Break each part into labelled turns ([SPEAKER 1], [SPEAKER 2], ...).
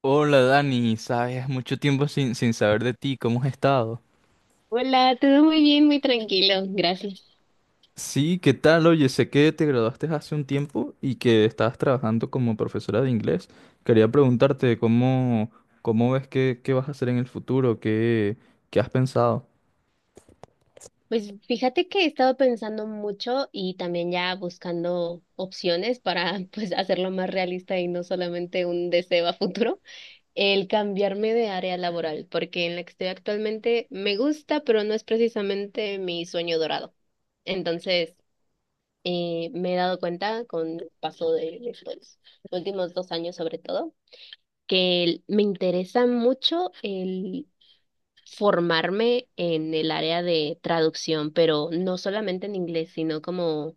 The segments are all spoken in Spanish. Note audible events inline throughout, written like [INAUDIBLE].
[SPEAKER 1] Hola Dani, sabes, mucho tiempo sin saber de ti, ¿cómo has estado?
[SPEAKER 2] Hola, todo muy bien, muy tranquilo, gracias.
[SPEAKER 1] Sí, ¿qué tal? Oye, sé que te graduaste hace un tiempo y que estabas trabajando como profesora de inglés. Quería preguntarte cómo, cómo ves que, qué vas a hacer en el futuro, qué, qué has pensado.
[SPEAKER 2] Pues fíjate que he estado pensando mucho y también ya buscando opciones para [LAUGHS] pues hacerlo más realista y no solamente un deseo a futuro, el cambiarme de área laboral, porque en la que estoy actualmente me gusta, pero no es precisamente mi sueño dorado. Entonces, me he dado cuenta con el paso de los últimos dos años sobre todo, que me interesa mucho el formarme en el área de traducción, pero no solamente en inglés, sino como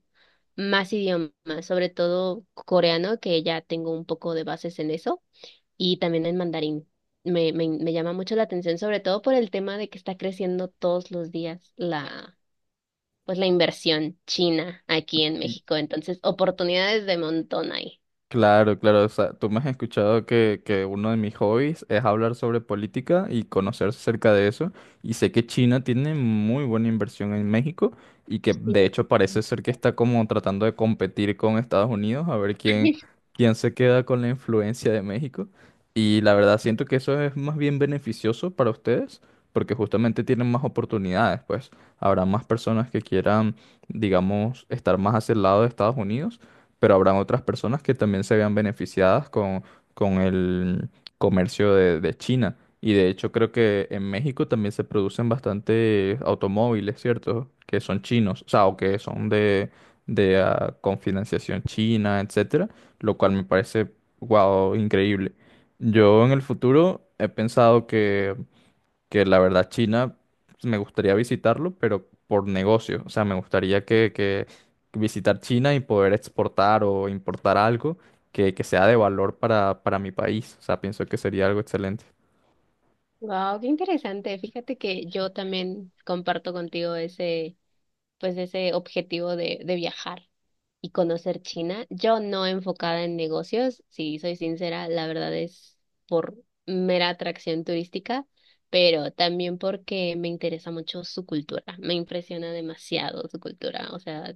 [SPEAKER 2] más idiomas, sobre todo coreano, que ya tengo un poco de bases en eso, y también en mandarín. Me llama mucho la atención, sobre todo por el tema de que está creciendo todos los días pues la inversión china aquí en México. Entonces, oportunidades de montón hay.
[SPEAKER 1] Claro, claro, o sea, tú me has escuchado que uno de mis hobbies es hablar sobre política y conocer acerca de eso. Y sé que China tiene muy buena inversión en México y que de
[SPEAKER 2] Sí.
[SPEAKER 1] hecho parece ser que está como tratando de competir con Estados Unidos a ver quién,
[SPEAKER 2] [LAUGHS]
[SPEAKER 1] quién se queda con la influencia de México. Y la verdad siento que eso es más bien beneficioso para ustedes porque justamente tienen más oportunidades, pues habrá más personas que quieran, digamos, estar más hacia el lado de Estados Unidos pero habrán otras personas que también se vean beneficiadas con el comercio de China. Y de hecho creo que en México también se producen bastante automóviles, ¿cierto? Que son chinos, o sea, o que son de con financiación china, etcétera, lo cual me parece, wow, increíble. Yo en el futuro he pensado que la verdad China pues, me gustaría visitarlo, pero por negocio. O sea, me gustaría que visitar China y poder exportar o importar algo que sea de valor para mi país. O sea, pienso que sería algo excelente.
[SPEAKER 2] Wow, qué interesante. Fíjate que yo también comparto contigo ese pues ese objetivo de viajar y conocer China. Yo no enfocada en negocios, si soy sincera, la verdad es por mera atracción turística, pero también porque me interesa mucho su cultura, me impresiona demasiado su cultura, o sea,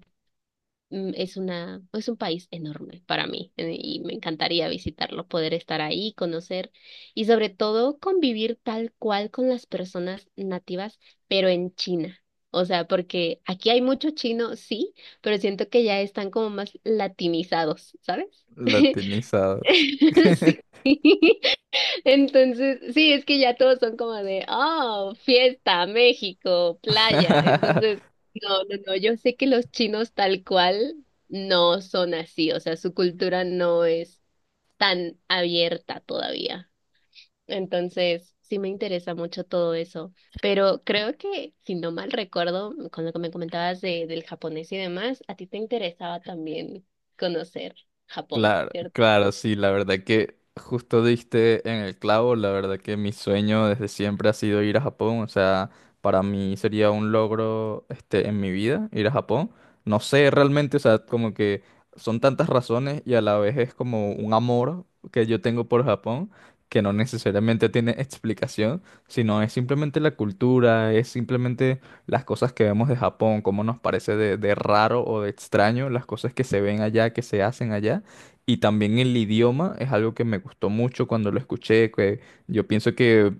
[SPEAKER 2] es una, es un país enorme para mí y me encantaría visitarlo, poder estar ahí, conocer y sobre todo convivir tal cual con las personas nativas, pero en China. O sea, porque aquí hay mucho chino, sí, pero siento que ya están como más latinizados, ¿sabes? [LAUGHS]
[SPEAKER 1] Latinizados.
[SPEAKER 2] [LAUGHS] Sí, entonces, sí, es que ya todos son como de, oh, fiesta, México, playa. Entonces, no, no, no, yo sé que los chinos tal cual no son así, o sea, su cultura no es tan abierta todavía. Entonces, sí me interesa mucho todo eso. Pero creo que, si no mal recuerdo, con lo que me comentabas de, del japonés y demás, a ti te interesaba también conocer Japón,
[SPEAKER 1] Claro,
[SPEAKER 2] ¿cierto?
[SPEAKER 1] claro, sí, la verdad que justo diste en el clavo, la verdad que mi sueño desde siempre ha sido ir a Japón, o sea, para mí sería un logro este en mi vida ir a Japón. No sé realmente, o sea, como que son tantas razones y a la vez es como un amor que yo tengo por Japón que no necesariamente tiene explicación, sino es simplemente la cultura, es simplemente las cosas que vemos de Japón, cómo nos parece de raro o de extraño, las cosas que se ven allá, que se hacen allá. Y también el idioma es algo que me gustó mucho cuando lo escuché, que yo pienso que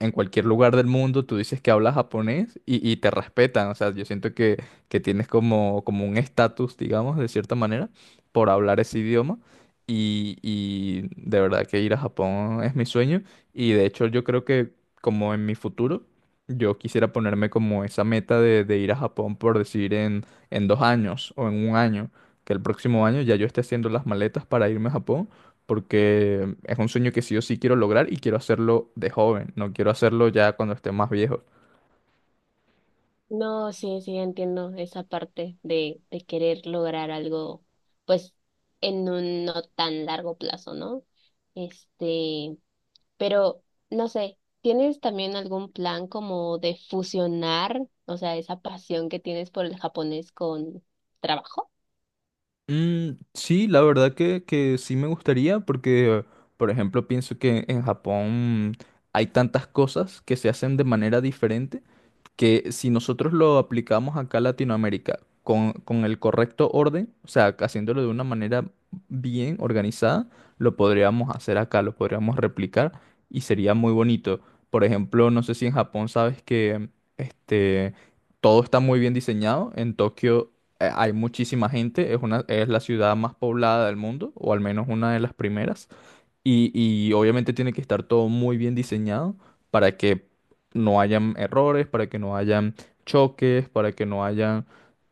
[SPEAKER 1] en cualquier lugar del mundo tú dices que hablas japonés y te respetan, o sea, yo siento que tienes como, como un estatus, digamos, de cierta manera, por hablar ese idioma. Y de verdad que ir a Japón es mi sueño. Y de hecho yo creo que como en mi futuro, yo quisiera ponerme como esa meta de ir a Japón por decir en 2 años o en 1 año que el próximo año ya yo esté haciendo las maletas para irme a Japón, porque es un sueño que sí o sí quiero lograr y quiero hacerlo de joven, no quiero hacerlo ya cuando esté más viejo.
[SPEAKER 2] No, sí, sí, entiendo esa parte de querer lograr algo, pues, en un no tan largo plazo, ¿no? Este, pero, no sé, ¿tienes también algún plan como de fusionar, o sea, esa pasión que tienes por el japonés con trabajo?
[SPEAKER 1] Mm, sí, la verdad que sí me gustaría porque, por ejemplo, pienso que en Japón hay tantas cosas que se hacen de manera diferente que si nosotros lo aplicamos acá a Latinoamérica con el correcto orden, o sea, haciéndolo de una manera bien organizada, lo podríamos hacer acá, lo podríamos replicar y sería muy bonito. Por ejemplo, no sé si en Japón sabes que este, todo está muy bien diseñado. En Tokio hay muchísima gente, es una, es la ciudad más poblada del mundo, o al menos una de las primeras. Y obviamente tiene que estar todo muy bien diseñado para que no hayan errores, para que no hayan choques, para que no hayan...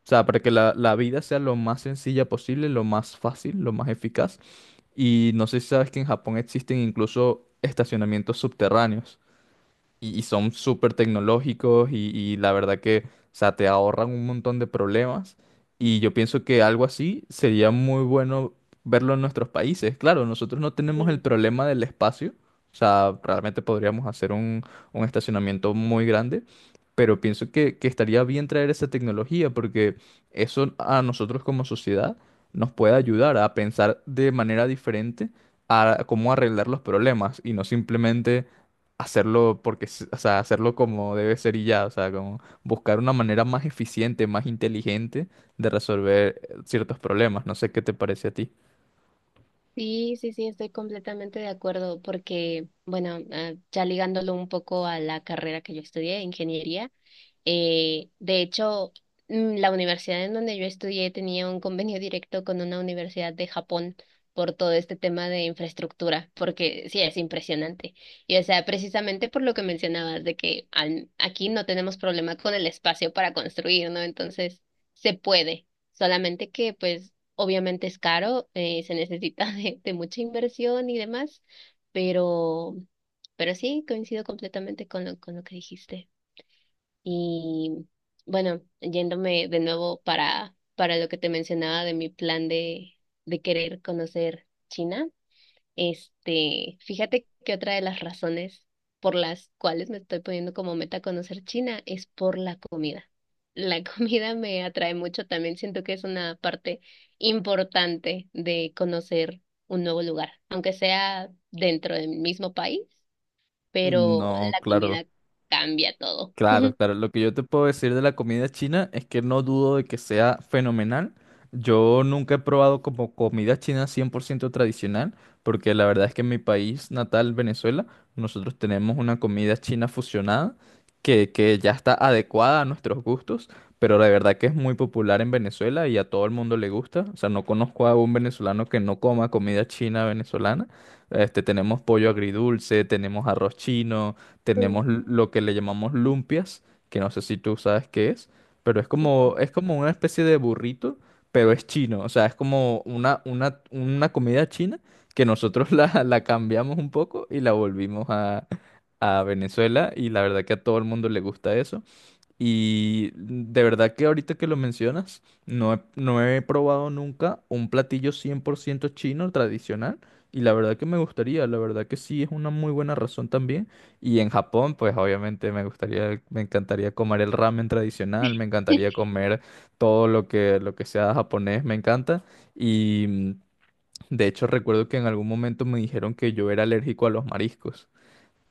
[SPEAKER 1] O sea, para que la vida sea lo más sencilla posible, lo más fácil, lo más eficaz. Y no sé si sabes que en Japón existen incluso estacionamientos subterráneos y son súper tecnológicos y la verdad que, o sea, te ahorran un montón de problemas y yo pienso que algo así sería muy bueno verlo en nuestros países. Claro, nosotros no tenemos el
[SPEAKER 2] Sí,
[SPEAKER 1] problema del espacio, o sea, realmente podríamos hacer un estacionamiento muy grande, pero pienso que estaría bien traer esa tecnología porque eso a nosotros como sociedad nos puede ayudar a pensar de manera diferente a cómo arreglar los problemas y no simplemente hacerlo porque, s- o sea, hacerlo como debe ser y ya, o sea, como buscar una manera más eficiente, más inteligente de resolver ciertos problemas. No sé qué te parece a ti.
[SPEAKER 2] sí, estoy completamente de acuerdo porque, bueno, ah, ya ligándolo un poco a la carrera que yo estudié, ingeniería. De hecho, la universidad en donde yo estudié tenía un convenio directo con una universidad de Japón por todo este tema de infraestructura, porque sí, es impresionante. Y o sea, precisamente por lo que mencionabas, de que aquí no tenemos problema con el espacio para construir, ¿no? Entonces, se puede, solamente que pues obviamente es caro, se necesita [LAUGHS] de mucha inversión y demás, pero, pero sí, coincido completamente con lo que dijiste. Y bueno, yéndome de nuevo para lo que te mencionaba de mi plan de querer conocer China, este, fíjate que otra de las razones por las cuales me estoy poniendo como meta conocer China es por la comida. La [LAUGHS] comida me atrae mucho, también siento que es una parte importante de conocer un nuevo lugar, aunque sea dentro del mismo país, pero
[SPEAKER 1] No,
[SPEAKER 2] la
[SPEAKER 1] claro.
[SPEAKER 2] comida cambia todo.
[SPEAKER 1] Claro, claro. Lo que yo te puedo decir de la comida china es que no dudo de que sea fenomenal. Yo nunca he probado como comida china 100% tradicional, porque la verdad es que en mi país natal, Venezuela, nosotros tenemos una comida china fusionada que ya está adecuada a nuestros gustos, pero la verdad que es muy popular en Venezuela y a todo el mundo le gusta. O sea, no conozco a un venezolano que no coma comida china venezolana. Este, tenemos pollo agridulce, tenemos arroz chino tenemos
[SPEAKER 2] [LAUGHS]
[SPEAKER 1] lo que le llamamos lumpias, que no sé si tú sabes qué es, pero
[SPEAKER 2] No.
[SPEAKER 1] es como una especie de burrito, pero es chino, o sea, es como una comida china que nosotros la, [LAUGHS] la cambiamos un poco y la volvimos a Venezuela y la verdad que a todo el mundo le gusta eso. Y de verdad que ahorita que lo mencionas, no he probado nunca un platillo 100% chino tradicional. Y la verdad que me gustaría, la verdad que sí es una muy buena razón también. Y en Japón, pues obviamente me gustaría, me encantaría comer el ramen tradicional, me encantaría
[SPEAKER 2] [LAUGHS]
[SPEAKER 1] comer todo lo que sea japonés, me encanta. Y de hecho recuerdo que en algún momento me dijeron que yo era alérgico a los mariscos.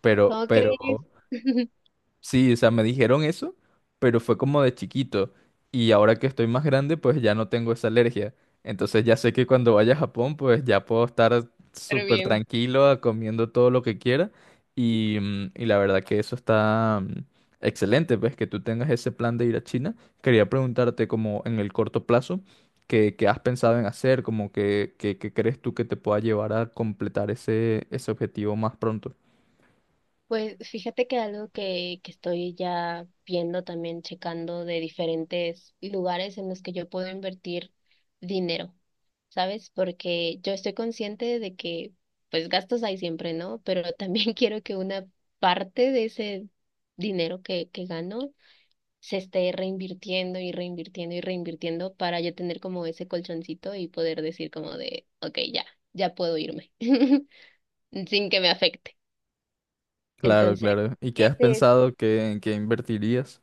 [SPEAKER 1] Pero,
[SPEAKER 2] ¿Cómo
[SPEAKER 1] pero
[SPEAKER 2] crees? [LAUGHS]
[SPEAKER 1] sí, o sea, me dijeron eso, pero fue como de chiquito. Y ahora que estoy más grande, pues ya no tengo esa alergia. Entonces ya sé que cuando vaya a Japón, pues ya puedo estar
[SPEAKER 2] Pero
[SPEAKER 1] súper
[SPEAKER 2] bien.
[SPEAKER 1] tranquilo, comiendo todo lo que quiera. Y, y la verdad que eso está excelente, pues que tú tengas ese plan de ir a China. Quería preguntarte como en el corto plazo, ¿qué, qué has pensado en hacer? Como que, ¿qué crees tú que te pueda llevar a completar ese, ese objetivo más pronto?
[SPEAKER 2] Pues fíjate que algo que estoy ya viendo también, checando de diferentes lugares en los que yo puedo invertir dinero, ¿sabes? Porque yo estoy consciente de que pues gastos hay siempre, ¿no? Pero también [LAUGHS] quiero que una parte de ese dinero que gano se esté reinvirtiendo y reinvirtiendo y reinvirtiendo para yo tener como ese colchoncito y poder decir como de, ok, ya, ya puedo irme. [LAUGHS] Sin que me afecte.
[SPEAKER 1] Claro,
[SPEAKER 2] Entonces,
[SPEAKER 1] claro. ¿Y qué
[SPEAKER 2] ese
[SPEAKER 1] has
[SPEAKER 2] es.
[SPEAKER 1] pensado que, en qué invertirías?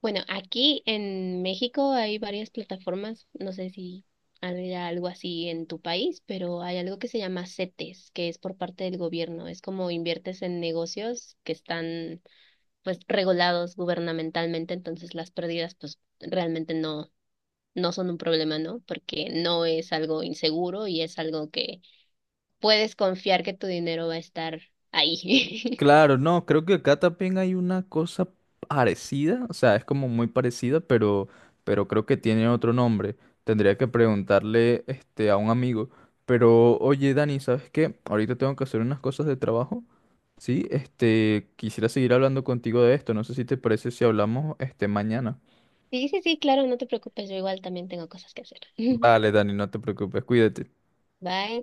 [SPEAKER 2] Bueno, aquí en México hay varias plataformas, no sé si hay algo así en tu país, pero hay algo que se llama CETES, que es por parte del gobierno. Es como inviertes en negocios que están pues regulados gubernamentalmente, entonces las pérdidas pues realmente no son un problema, ¿no? Porque no es algo inseguro y es algo que puedes confiar que tu dinero va a estar ahí. [LAUGHS]
[SPEAKER 1] Claro, no, creo que acá también hay una cosa parecida, o sea, es como muy parecida, pero creo que tiene otro nombre. Tendría que preguntarle este, a un amigo. Pero, oye, Dani, ¿sabes qué? Ahorita tengo que hacer unas cosas de trabajo. Sí, este, quisiera seguir hablando contigo de esto. No sé si te parece si hablamos este mañana.
[SPEAKER 2] Sí, sí, sí, claro, no te preocupes, yo igual también tengo cosas que hacer. [LAUGHS]
[SPEAKER 1] Vale, Dani, no te preocupes, cuídate.
[SPEAKER 2] Bye.